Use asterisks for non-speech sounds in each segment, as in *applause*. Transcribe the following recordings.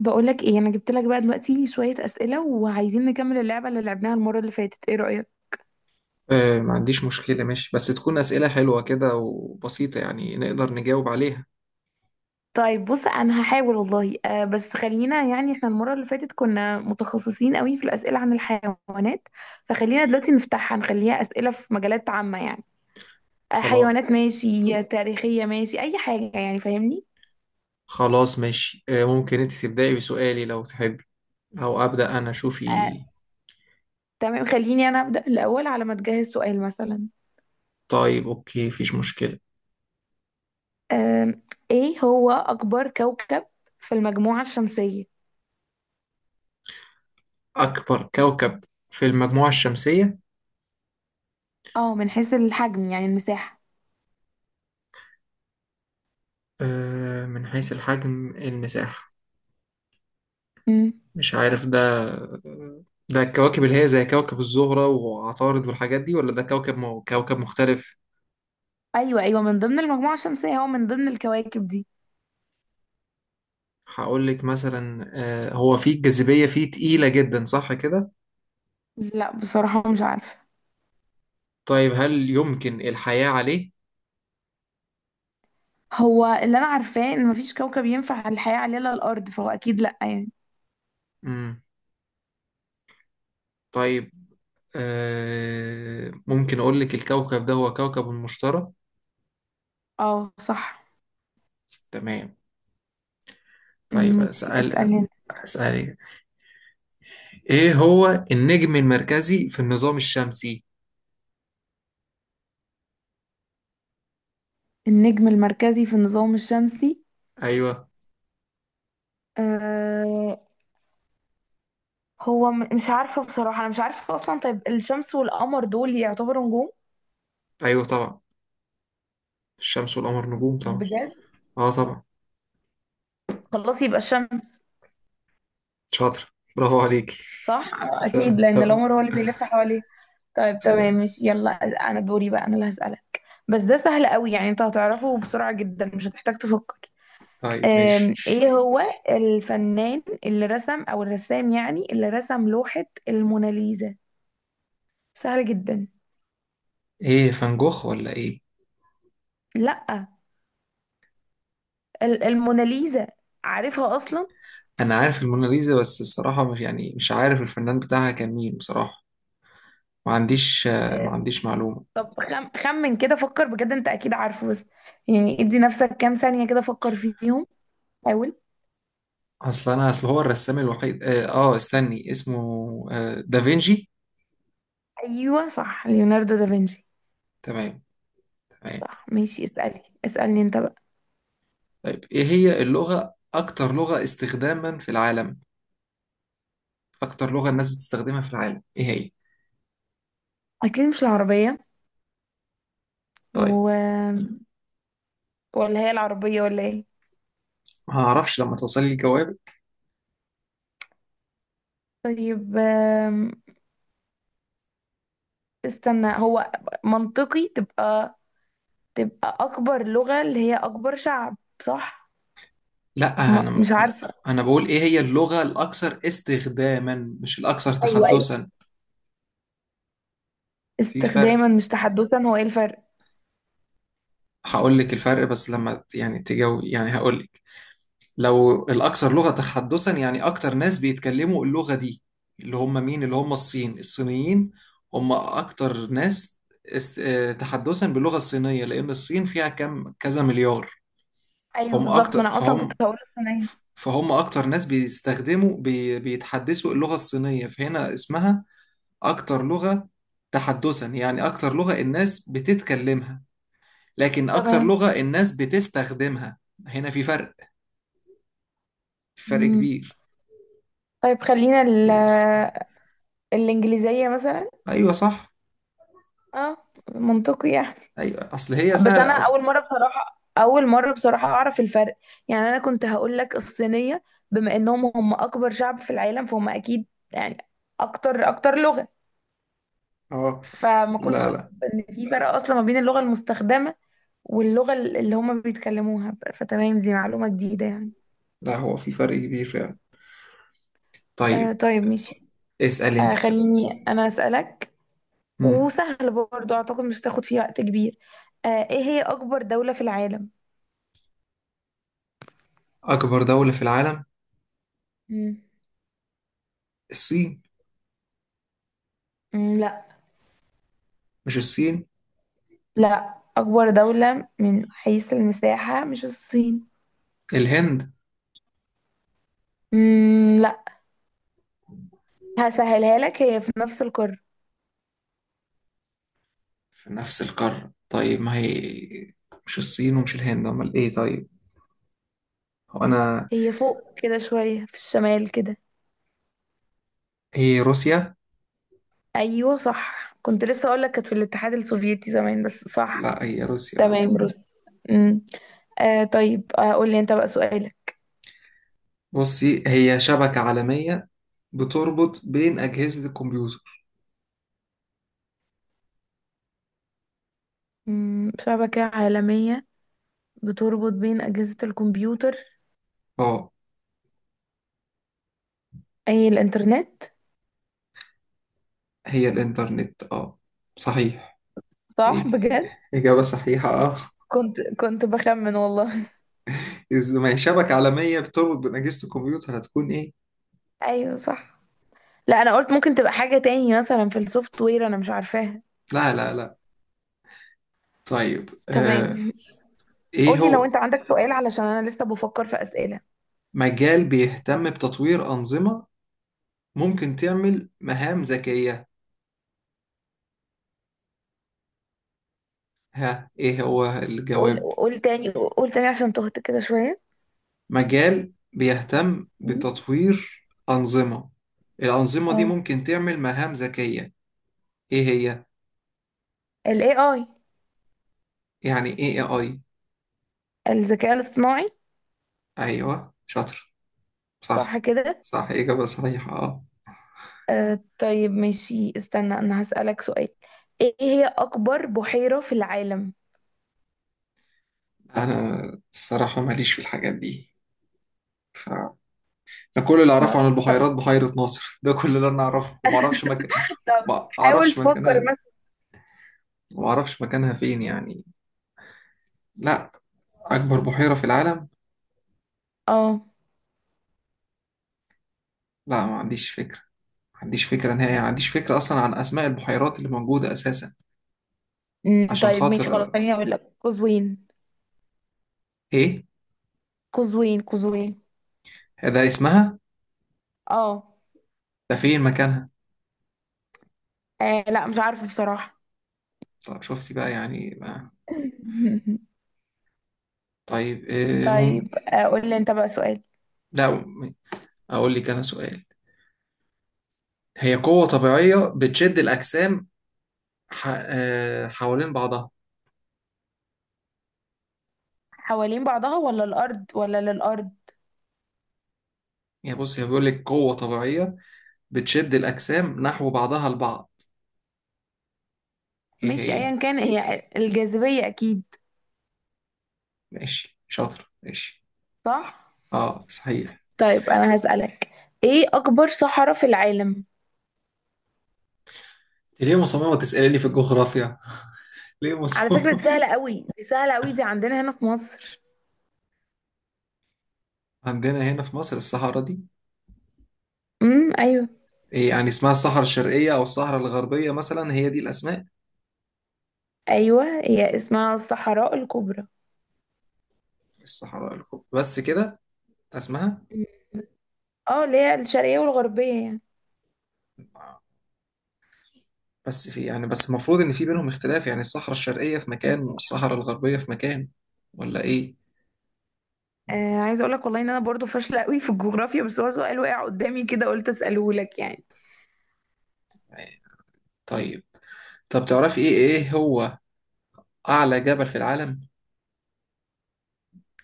بقولك ايه انا جبت لك بقى دلوقتي شوية أسئلة وعايزين نكمل اللعبة اللي لعبناها المرة اللي فاتت، ايه رأيك؟ ما عنديش مشكلة. ماشي، بس تكون أسئلة حلوة كده وبسيطة، يعني نقدر نجاوب عليها. طيب بص انا هحاول والله. بس خلينا يعني احنا المرة اللي فاتت كنا متخصصين قوي في الأسئلة عن الحيوانات، فخلينا دلوقتي نفتحها نخليها أسئلة في مجالات عامة يعني. خلاص. حيوانات ماشي، تاريخية ماشي، اي حاجة يعني فاهمني؟ خلاص ماشي، ممكن أنت تبدأي بسؤالي لو تحبي؟ أو أبدأ أنا، آه شوفي. تمام خليني انا أبدأ الأول على ما تجهز سؤال مثلا. طيب أوكي، مفيش مشكلة. آه ايه هو أكبر كوكب في المجموعة الشمسية؟ أكبر كوكب في المجموعة الشمسية؟ اه، من حيث الحجم يعني المساحة. من حيث الحجم، المساحة. مم. مش عارف ده. ده الكواكب اللي هي زي كوكب الزهرة وعطارد والحاجات دي، ولا ده كوكب مختلف؟ ايوه ايوه، من ضمن المجموعه الشمسيه، هو من ضمن الكواكب دي. هقول لك مثلا، هو فيه الجاذبية، فيه تقيلة جدا صح كده؟ لا بصراحه مش عارفه. طيب هل يمكن الحياة عليه؟ هو اللي انا عارفاه ان مفيش كوكب ينفع الحياه عليه الا الارض، فهو اكيد لا يعني. مم. طيب، ممكن أقول لك الكوكب ده هو كوكب المشتري؟ اه صح. تمام. مم، طيب ماشي أسأل. اسالني انت. أسألك، إيه هو النجم المركزي في النظام الشمسي؟ النجم المركزي في النظام الشمسي؟ أيوه. آه هو مش عارفه بصراحه، انا مش عارفه اصلا. طيب الشمس والقمر دول يعتبروا نجوم؟ أيوه طبعا، الشمس والقمر نجوم طبعا. بجد؟ أه طبعا. خلاص يبقى الشمس. شاطر، برافو عليك. صح، اكيد لان القمر هو اللي بيلف حواليه. طيب تمام *laughs* ماشي يلا. انا دوري بقى، انا اللي هسألك. بس ده سهل قوي يعني، انت هتعرفه بسرعة جدا مش هتحتاج تفكر. طيب ماشي. ايه هو الفنان اللي رسم او الرسام يعني اللي رسم لوحة الموناليزا؟ سهل جدا. إيه، فان جوخ ولا إيه؟ لا، الموناليزا عارفها اصلا. انا عارف الموناليزا، بس الصراحه مش يعني مش عارف الفنان بتاعها كان مين بصراحه. ما عنديش معلومه. طب خمن كده فكر بجد، انت اكيد عارفه بس. يعني ادي نفسك كام ثانية كده فكر فيهم. حاول. اصل انا اصل هو الرسام الوحيد، استني اسمه. آه، دافينشي. ايوه صح، ليوناردو دافنشي. تمام. تمام. صح ماشي، اسألني انت بقى. طيب، ايه هي اكتر لغه استخداما في العالم؟ اكتر لغه الناس بتستخدمها في العالم ايه هي؟ اكيد مش العربية. طيب، و... ولا هي العربية ولا ايه؟ ما اعرفش لما توصلي الجواب. طيب استنى، هو منطقي تبقى أكبر لغة اللي هي أكبر شعب صح؟ لا انا م- مش عارفة. انا بقول ايه هي اللغه الاكثر استخداما، مش الاكثر أيوه أيوه، تحدثا. في فرق. استخداما مش تحدثا، هو ايه الفرق؟ هقول لك الفرق بس لما تجاوب، يعني هقول لك. لو الأكثر لغة تحدثا، يعني أكتر ناس بيتكلموا اللغة دي، اللي هم مين؟ اللي هم الصين، الصينيين. هم أكتر ناس است... آه، تحدثا باللغة الصينية، لأن الصين فيها كم كذا مليار. أيوه بالظبط، ما أنا أصلا كنت فهم هقول الصينية. فهم أكتر ناس بيتحدثوا اللغة الصينية، فهنا اسمها أكتر لغة تحدثا، يعني أكتر لغة الناس بتتكلمها. لكن أكتر تمام. لغة الناس بتستخدمها، هنا في فرق. في فرق مم. كبير. طيب خلينا يس. الإنجليزية مثلا. أيوة صح. اه منطقي يعني. أيوة، أصل هي بس انا سهلة اول أصلا. مره بصراحه اول مره بصراحه اعرف الفرق. يعني انا كنت هقول لك الصينيه، بما انهم هم اكبر شعب في العالم فهم اكيد يعني اكتر لغه. أه. فما كنتش لا لا اعرف ان في فرق اصلا ما بين اللغه المستخدمه واللغه اللي هم بيتكلموها. فتمام، دي معلومه جديده يعني. لا، هو في فرق كبير فعلا. طيب، طيب ماشي. اسأل أنت طيب. خليني انا اسالك، مم. وسهل برضو اعتقد مش تاخد فيه وقت كبير. ايه هي اكبر دوله في العالم؟ أكبر دولة في العالم؟ مم. الصين. مم، لا. مش الصين؟ لا، أكبر دولة من حيث المساحة مش الصين. الهند. مم لا. هسهلها لك، هي في نفس القارة. في نفس القارة؟ طيب، ما هي مش الصين ومش الهند، أمال إيه طيب؟ هو أنا هي فوق كده شوية في الشمال كده. هي روسيا. أيوة صح، كنت لسه أقول لك كانت في الاتحاد السوفيتي زمان بس صح. لا هي روسيا، آه. تمام روسيا. مم. طيب قول لي أنت بقى سؤالك. بصي، هي شبكة عالمية بتربط بين أجهزة الكمبيوتر. شبكة عالمية بتربط بين أجهزة الكمبيوتر. اه، أي الإنترنت. هي الإنترنت، آه. صحيح. صح إيه. بجد؟ إجابة صحيحة، آه. كنت بخمن والله. إذا ما هي شبكة عالمية بتربط بين أجهزة الكمبيوتر، هتكون إيه؟ *laughs* أيوة صح. لا، انا قلت ممكن تبقى حاجة تاني مثلا في السوفت وير انا مش عارفاها. لا لا لا. طيب، تمام. إيه قولي لو هو انت عندك سؤال علشان انا لسه بفكر في اسئلة. مجال بيهتم بتطوير أنظمة ممكن تعمل مهام ذكية؟ ها، إيه هو قول الجواب؟ قول تاني قول تاني عشان تهت كده شوية. مجال بيهتم مم. بتطوير أنظمة، الأنظمة دي اه، ممكن تعمل مهام ذكية. إيه هي؟ ال AI، يعني إيه إيه آي؟ الذكاء الاصطناعي. أيوه شاطر. صح صح. كده؟ صح، إجابة صحيحة، اه. طيب ماشي، استنى انا هسألك سؤال. ايه هي اكبر بحيرة في العالم؟ أنا الصراحة ماليش في الحاجات دي، ف أنا كل اللي ما... أعرفه عن طب، البحيرات بحيرة ناصر، ده كل اللي أنا أعرفه. وما أعرفش مكان. طب ما حاول أعرفش تفكر مكانها. مثلا. وما أعرفش مكانها فين يعني. لا. أكبر بحيرة في العالم؟ اه. لا، ما عنديش فكرة. ما عنديش فكرة نهائي، ما عنديش فكرة أصلا عن أسماء البحيرات اللي موجودة أساسا. عشان طيب ماشي خلاص خاطر خليني اقول لك قزوين، إيه؟ قزوين قزوين. ده اسمها؟ اه. ده فين مكانها؟ لا مش عارفة بصراحة. طب شفتي بقى، يعني ما. *laughs* طيب إيه طيب قول لي انت بقى سؤال. لا، أقول لك أنا سؤال. هي قوة طبيعية بتشد الأجسام ح... آه، حوالين بعضها. حوالين بعضها ولا الارض ولا للارض؟ يعني بص، هي بيقول لك قوة طبيعية بتشد الأجسام نحو بعضها البعض. إيه ماشي هي؟ ايا كان هي الجاذبية اكيد. ماشي شاطر، ماشي. صح. أه، صحيح. طيب انا هسألك، ايه اكبر صحراء في العالم؟ ليه مصممة تسألني في الجغرافيا؟ *laughs* ليه على فكرة دي مصممة؟ سهلة قوي دي سهلة قوي، دي عندنا هنا في مصر. عندنا هنا في مصر الصحراء دي؟ ايوه. إيه، يعني اسمها الصحراء الشرقية أو الصحراء الغربية مثلا، هي دي الأسماء؟ ايوه هي اسمها الصحراء الكبرى. الصحراء الكبرى بس كده؟ ده اسمها؟ مم. اه، اللي هي الشرقية والغربية يعني. بس في، يعني بس المفروض ان في بينهم اختلاف، يعني الصحراء الشرقية في مكان والصحراء الغربية في مكان، ولا ايه؟ عايزة اقول لك والله ان انا برضو فاشلة قوي في الجغرافيا، بس هو سؤال وقع قدامي كده قلت اسأله لك يعني. يعني طيب. طب تعرفي ايه هو اعلى جبل في العالم؟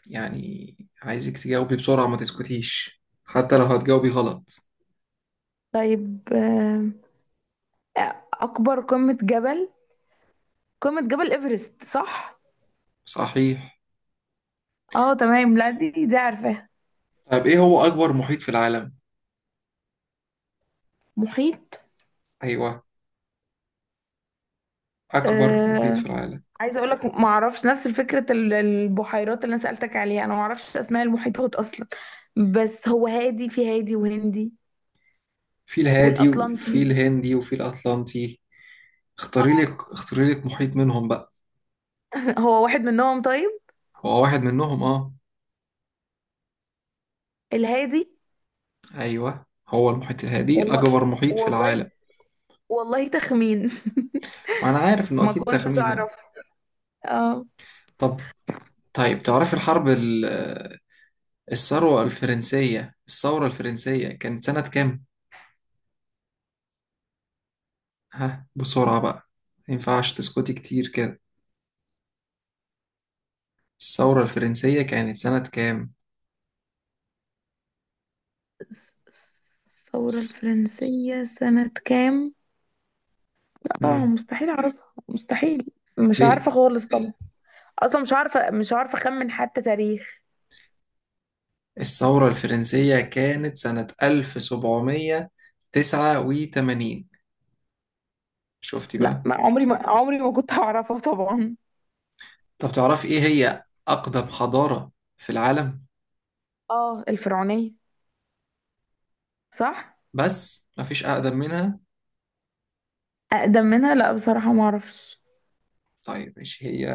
يعني عايزك تجاوبي بسرعة، ما تسكتيش حتى لو هتجاوبي غلط. طيب اكبر قمة جبل، قمة جبل ايفرست صح؟ صحيح. اه تمام، لا دي عارفاها. طب، ايه هو اكبر محيط في العالم؟ محيط؟ ايوه، اكبر محيط آه في العالم. عايزه اقول لك ما اعرفش، نفس فكره البحيرات اللي انا سالتك عليها، انا ما اعرفش اسماء المحيطات اصلا. بس هو هادي، في هادي وهندي في الهادي، وفي والاطلنطي. الهندي، وفي الاطلنطي. اختاري لك محيط منهم بقى. *laughs* هو واحد منهم طيب. هو واحد منهم، اه. الهادي. ايوه، هو المحيط الهادي والله، اكبر محيط في والله، العالم. والله تخمين. *laughs* وانا عارف انه ما اكيد كنتش تخمينة. اعرف. اه طب. طيب تعرفي الثورة الفرنسية كانت سنة كام؟ ها، بسرعة بقى، ما ينفعش تسكتي كتير كده. الثورة الفرنسية كانت سنة كام؟ الثوره س- الفرنسيه سنه كام؟ طبعا مم. مستحيل اعرفها، مستحيل. مش ليه؟ عارفه خالص طبعا. اصلا مش عارفه، مش عارفه اخمن حتى تاريخ. الثورة الفرنسية كانت سنة 1789. شفتي لا، بقى؟ ما عمري ما كنت هعرفها طبعا. طب تعرفي ايه هي أقدم حضارة في العالم؟ اه الفرعونيه صح. بس مفيش أقدم منها؟ اقدم منها لا بصراحه ما اعرفش. طيب ماشي، هي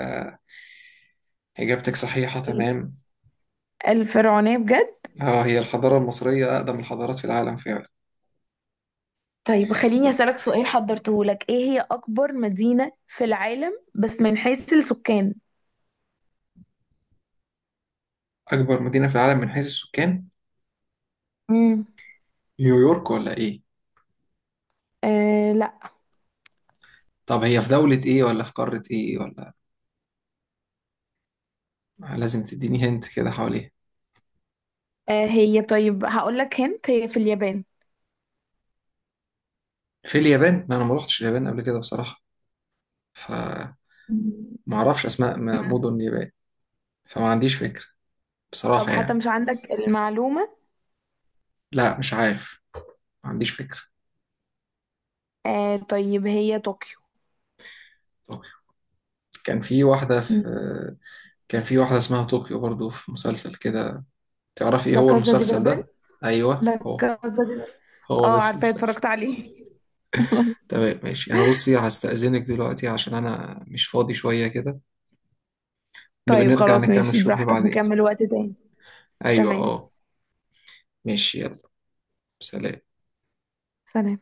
إجابتك صحيحة تمام. الفرعونيه بجد. اه، هي الحضارة المصرية أقدم الحضارات في العالم فعلا. طيب خليني اسالك سؤال حضرته لك، ايه هي اكبر مدينه في العالم بس من حيث السكان؟ أكبر مدينة في العالم من حيث السكان؟ امم نيويورك ولا إيه؟ آه لا. طب هي في دولة إيه، ولا في قارة إيه، ولا لازم تديني هنت كده حواليها. هي، طيب هقول لك هنت، هي في اليابان. في اليابان؟ لا، أنا ما روحتش اليابان قبل كده بصراحة، فما مم. أعرفش أسماء مدن اليابان، فما عنديش فكرة طب بصراحة حتى يعني. مش عندك المعلومه؟ لا، مش عارف. ما عنديش فكرة. طيب هي طوكيو. طوكيو. كان في واحدة في مم. كان في واحدة اسمها طوكيو برضو في مسلسل كده. تعرفي إيه لا، هو كازا دي المسلسل بابل؟ ده؟ أيوه لا، هو. كازا دي بابل. هو ده اه اسم عارفة، المسلسل. اتفرجت عليه. *laughs* تمام ماشي. انا بصي هستأذنك دلوقتي، عشان انا مش فاضي شوية كده. نبقى طيب نرجع خلاص نكمل ماشي شغل براحتك، بعدين. نكمل وقت تاني. ايوه، تمام، اه. ماشي يلا. سلام. سلام.